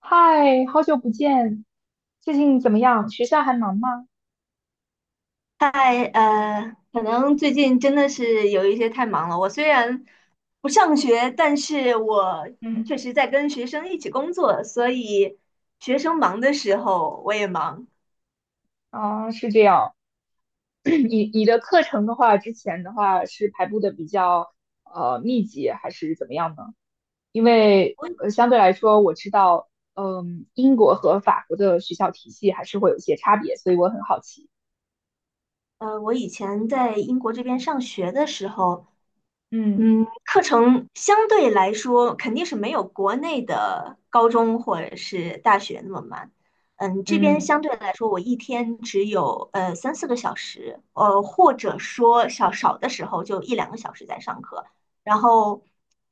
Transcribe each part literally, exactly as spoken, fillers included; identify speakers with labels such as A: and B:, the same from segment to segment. A: 嗨，好久不见，最近怎么样？学校还忙吗？
B: 嗨，呃，可能最近真的是有一些太忙了。我虽然不上学，但是我
A: 嗯。
B: 确实在跟学生一起工作，所以学生忙的时候我也忙。
A: 啊，是这样。你你的课程的话，之前的话是排布的比较呃密集，还是怎么样呢？因为
B: 我
A: 呃相对来说，我知道，嗯，英国和法国的学校体系还是会有一些差别，所以我很好奇。
B: 呃，我以前在英国这边上学的时候，
A: 嗯
B: 嗯，课程相对来说肯定是没有国内的高中或者是大学那么慢。嗯，这边
A: 嗯
B: 相对来说，我一天只有呃三四个小时，呃，或者说少少的时候就一两个小时在上课。然后，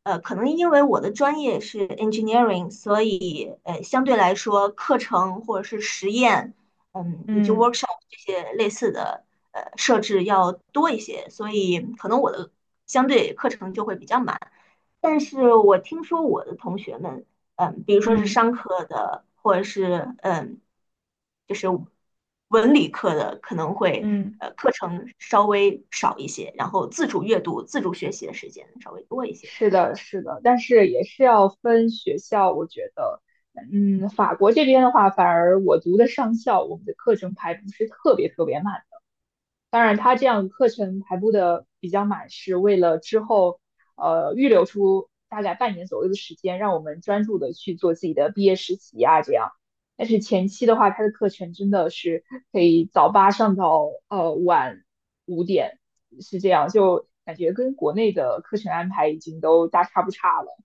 B: 呃，可能因为我的专业是 engineering，所以呃相对来说课程或者是实验。嗯，以及
A: 嗯
B: workshop 这些类似的呃设置要多一些，所以可能我的相对课程就会比较满。但是我听说我的同学们，嗯，比如说是
A: 嗯嗯，
B: 商科的，或者是嗯，就是文理科的，可能会
A: 嗯。
B: 呃课程稍微少一些，然后自主阅读、自主学习的时间稍微多一些。
A: 是的，是的，但是也是要分学校，我觉得。嗯，法国这边的话，反而我读的上校，我们的课程排不是特别特别满。当然，它这样课程排布的比较满，是为了之后呃预留出大概半年左右的时间，让我们专注的去做自己的毕业实习啊这样。但是前期的话，它的课程真的是可以早八上到呃晚五点，是这样，就感觉跟国内的课程安排已经都大差不差了。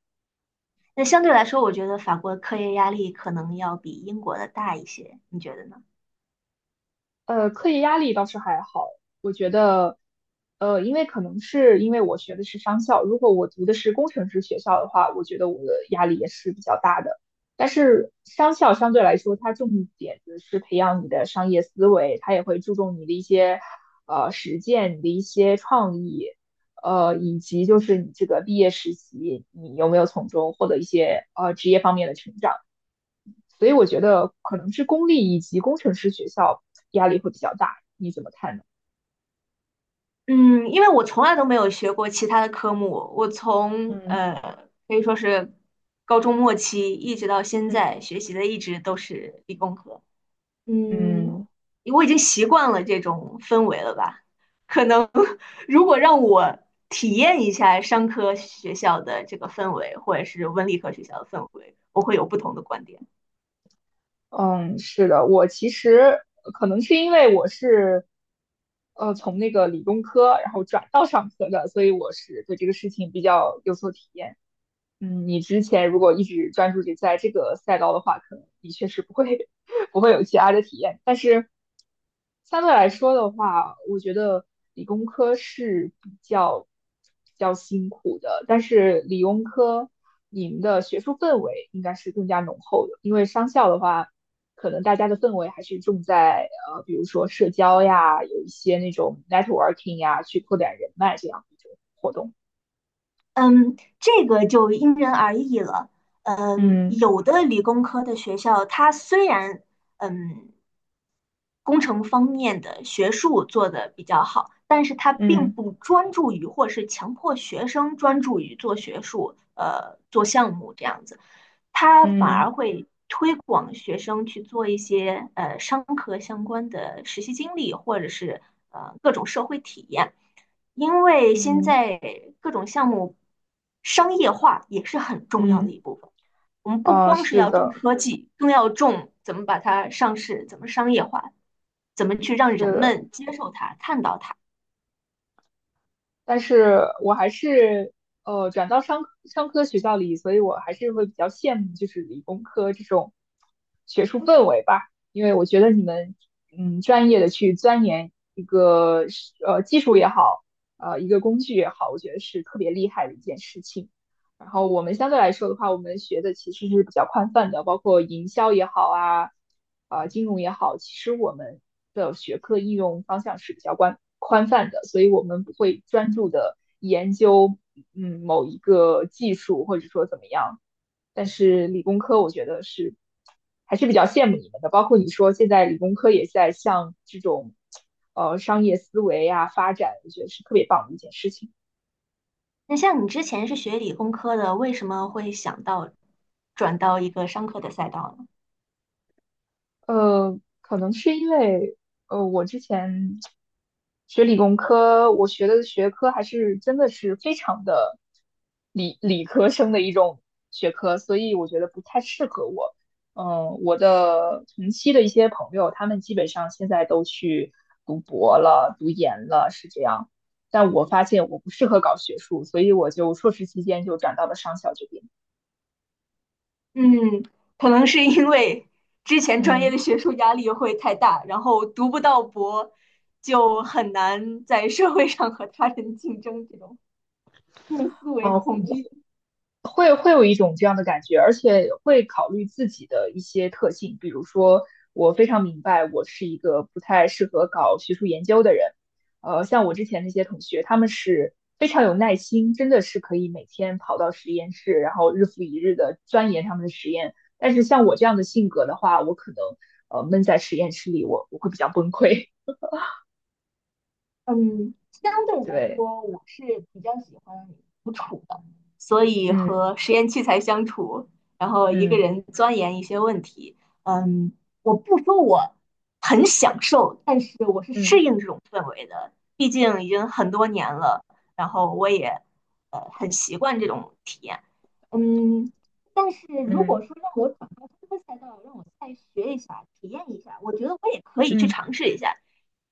B: 那相对来说，我觉得法国的课业压力可能要比英国的大一些，你觉得呢？
A: 呃，课业压力倒是还好，我觉得。呃，因为可能是因为我学的是商校，如果我读的是工程师学校的话，我觉得我的压力也是比较大的。但是商校相对来说，它重点的是培养你的商业思维，它也会注重你的一些呃实践、你的一些创意，呃，以及就是你这个毕业实习，你有没有从中获得一些呃职业方面的成长。所以我觉得可能是公立以及工程师学校压力会比较大，你怎么看呢？
B: 嗯，因为我从来都没有学过其他的科目，我从
A: 嗯
B: 呃可以说是高中末期一直到现
A: 嗯
B: 在学习的一直都是理工科。嗯，
A: 嗯
B: 我已经习惯了这种氛围了吧？可能 如果让我体验一下商科学校的这个氛围，或者是文理科学校的氛围，我会有不同的观点。
A: 嗯。是的，我其实可能是因为我是，呃，从那个理工科然后转到商科的，所以我是对这个事情比较有所体验。嗯，你之前如果一直专注于在这个赛道的话，可能的确是不会 不会有其他的体验。但是相对来说的话，我觉得理工科是比较比较辛苦的，但是理工科你们的学术氛围应该是更加浓厚的，因为商校的话，可能大家的氛围还是重在呃，比如说社交呀，有一些那种 networking 呀，去扩展人脉这样的一种活动。
B: 嗯，这个就因人而异了。嗯，
A: 嗯
B: 有的理工科的学校，它虽然嗯工程方面的学术做得比较好，但是他并
A: 嗯
B: 不专注于，或是强迫学生专注于做学术，呃，做项目这样子，他反
A: 嗯。
B: 而会推广学生去做一些呃商科相关的实习经历，或者是呃各种社会体验，因为现
A: 嗯
B: 在各种项目商业化也是很重要的
A: 嗯。
B: 一部分。我们不
A: 啊，
B: 光是
A: 是
B: 要重
A: 的，
B: 科技，更要重怎么把它上市，怎么商业化，怎么去让
A: 是
B: 人
A: 的，
B: 们接受它、看到它。
A: 但是我还是呃转到商科商科学校里，所以我还是会比较羡慕就是理工科这种学术氛围吧，因为我觉得你们嗯专业的去钻研一个呃技术也好，呃一个工具也好，我觉得是特别厉害的一件事情。然后我们相对来说的话，我们学的其实是比较宽泛的，包括营销也好啊，啊、金融也好，其实我们的学科应用方向是比较宽宽泛的，所以我们不会专注的研究嗯某一个技术或者说怎么样。但是理工科我觉得是还是比较羡慕你们的，包括你说现在理工科也在向这种呃商业思维啊发展，我觉得是特别棒的一件事情。
B: 那像你之前是学理工科的，为什么会想到转到一个商科的赛道呢？
A: 呃，可能是因为呃，我之前学理工科，我学的学科还是真的是非常的理理科生的一种学科，所以我觉得不太适合我。嗯、我的同期的一些朋友，他们基本上现在都去读博了、读研了，是这样。但我发现我不适合搞学术，所以我就硕士期间就转到了商校这边。
B: 嗯，可能是因为之前专业
A: 嗯。
B: 的学术压力会太大，然后读不到博，就很难在社会上和他人竞争，这种。用思维恐
A: 哦。
B: 惧。
A: 会会有一种这样的感觉，而且会考虑自己的一些特性，比如说，我非常明白我是一个不太适合搞学术研究的人。呃，像我之前那些同学，他们是非常有耐心，真的是可以每天跑到实验室，然后日复一日的钻研他们的实验。但是像我这样的性格的话，我可能呃闷在实验室里，我我会比较崩溃。
B: 嗯，相 对来
A: 对，
B: 说，我是比较喜欢独处的，所以
A: 嗯
B: 和实验器材相处，然后一个
A: 嗯
B: 人钻研一些问题。嗯，我不说我很享受，但是我是适
A: 嗯
B: 应这种氛围的，毕竟已经很多年了，然后我也呃很习惯这种体验。嗯，但是如果
A: 嗯
B: 说让我转到这个赛道，让我再学一下、体验一下，我觉得我也可以去
A: 嗯
B: 尝试一下。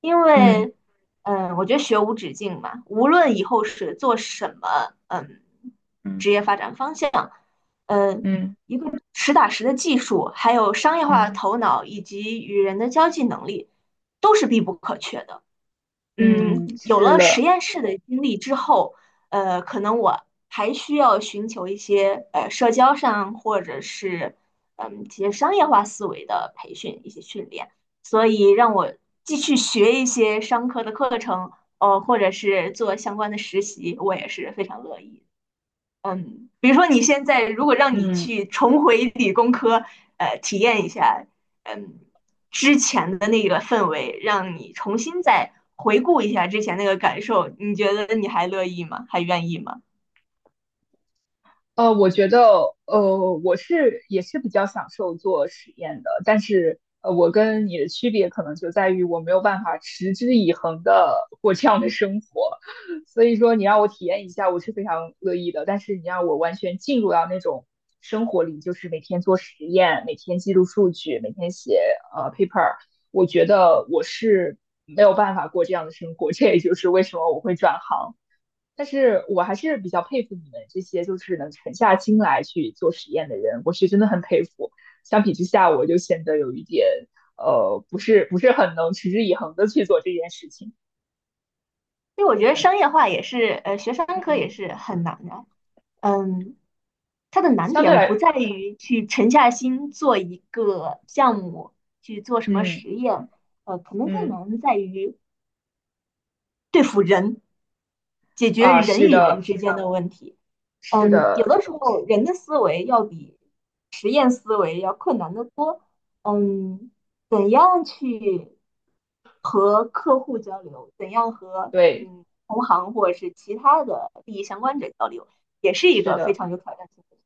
B: 因
A: 嗯嗯
B: 为，嗯，我觉得学无止境嘛，无论以后是做什么，嗯，职
A: 嗯
B: 业发展方向，嗯，
A: 嗯。嗯
B: 一个实打实的技术，还有商业化的
A: 嗯
B: 头脑以及与人的交际能力，都是必不可缺的。嗯，
A: 嗯，
B: 有
A: 是
B: 了实
A: 了，
B: 验室的经历之后，呃，可能我还需要寻求一些呃社交上或者是嗯一些商业化思维的培训，一些训练。所以让我继续学一些商科的课程，呃，或者是做相关的实习，我也是非常乐意的。嗯，比如说你现在如果让你
A: 嗯。
B: 去重回理工科，呃，体验一下，嗯，之前的那个氛围，让你重新再回顾一下之前那个感受，你觉得你还乐意吗？还愿意吗？
A: 呃，我觉得，呃，我是也是比较享受做实验的，但是，呃，我跟你的区别可能就在于我没有办法持之以恒的过这样的生活，所以说你让我体验一下，我是非常乐意的，但是你让我完全进入到那种生活里，就是每天做实验，每天记录数据，每天写呃 paper，我觉得我是没有办法过这样的生活，这也就是为什么我会转行。但是我还是比较佩服你们这些就是能沉下心来去做实验的人，我是真的很佩服。相比之下，我就显得有一点呃，不是不是很能持之以恒的去做这件事情。
B: 因为我觉得商业化也是，呃，学商科
A: 嗯，
B: 也是很难的。嗯，它的难
A: 相对
B: 点不
A: 来，
B: 在于去沉下心做一个项目，去做什么
A: 嗯
B: 实验，呃，可能更
A: 嗯。
B: 难在于对付人，解决
A: 啊，
B: 人
A: 是
B: 与人
A: 的，
B: 之间的问题。
A: 是
B: 嗯，
A: 的，
B: 有的时候人的思维要比实验思维要困难得多。嗯，怎样去和客户交流，怎样和
A: 对，
B: 嗯同行或者是其他的利益相关者交流，也是一
A: 是
B: 个非
A: 的。
B: 常有挑战性的。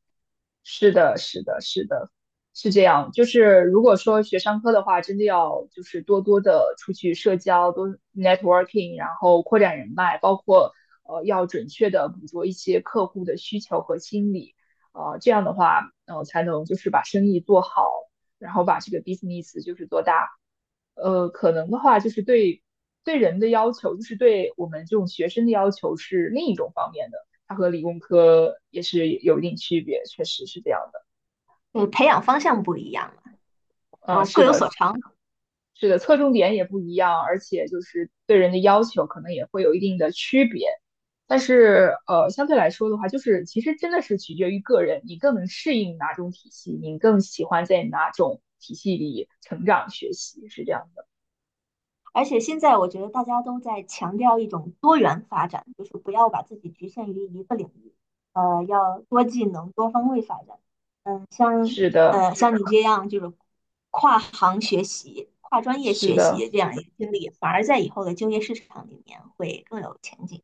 A: 是的，是的，是的，是这样。就是如果说学商科的话，真的要就是多多的出去社交，多 networking，然后扩展人脉，包括呃要准确的捕捉一些客户的需求和心理，呃这样的话，呃才能就是把生意做好，然后把这个 business 就是做大。呃，可能的话就是对对人的要求，就是对我们这种学生的要求是另一种方面的。它和理工科也是有一定区别，确实是这样的。
B: 嗯，培养方向不一样了，然
A: 嗯，
B: 后
A: 是
B: 各有
A: 的，
B: 所长。
A: 是的，侧重点也不一样，而且就是对人的要求可能也会有一定的区别。但是呃，相对来说的话，就是其实真的是取决于个人，你更能适应哪种体系，你更喜欢在哪种体系里成长学习，是这样的。
B: 而且现在我觉得大家都在强调一种多元发展，就是不要把自己局限于一个领域，呃，要多技能、多方位发展。嗯，像
A: 是的，
B: 呃像你这样就是跨行学习、跨专业
A: 是
B: 学
A: 的。
B: 习这样一个经历，反而在以后的就业市场里面会更有前景。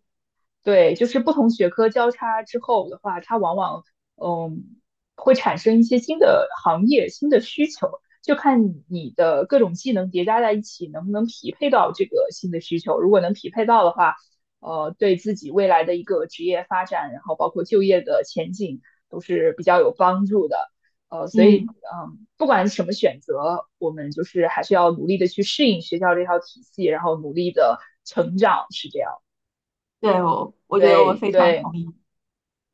A: 对，就是不同学科交叉之后的话，它往往嗯会产生一些新的行业、新的需求，就看你的各种技能叠加在一起能不能匹配到这个新的需求。如果能匹配到的话，呃，对自己未来的一个职业发展，然后包括就业的前景都是比较有帮助的。呃，所以
B: 嗯，
A: 嗯，不管什么选择，我们就是还是要努力的去适应学校这套体系，然后努力的成长，是这样。
B: 对，我我觉得我
A: 对
B: 非常
A: 对。
B: 同意。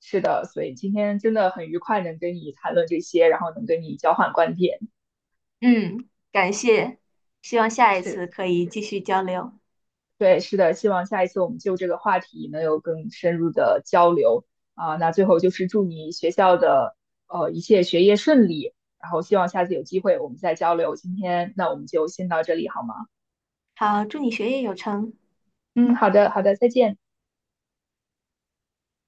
A: 是的，所以今天真的很愉快，能跟你谈论这些，然后能跟你交换观点。
B: 嗯，感谢，希望下一次
A: 是，
B: 可以继续交流。
A: 对，是的，希望下一次我们就这个话题能有更深入的交流啊、那最后就是祝你学校的呃一切学业顺利，然后希望下次有机会我们再交流。今天那我们就先到这里好吗？
B: 好，祝你学业有成。
A: 嗯，好的，好的，再见。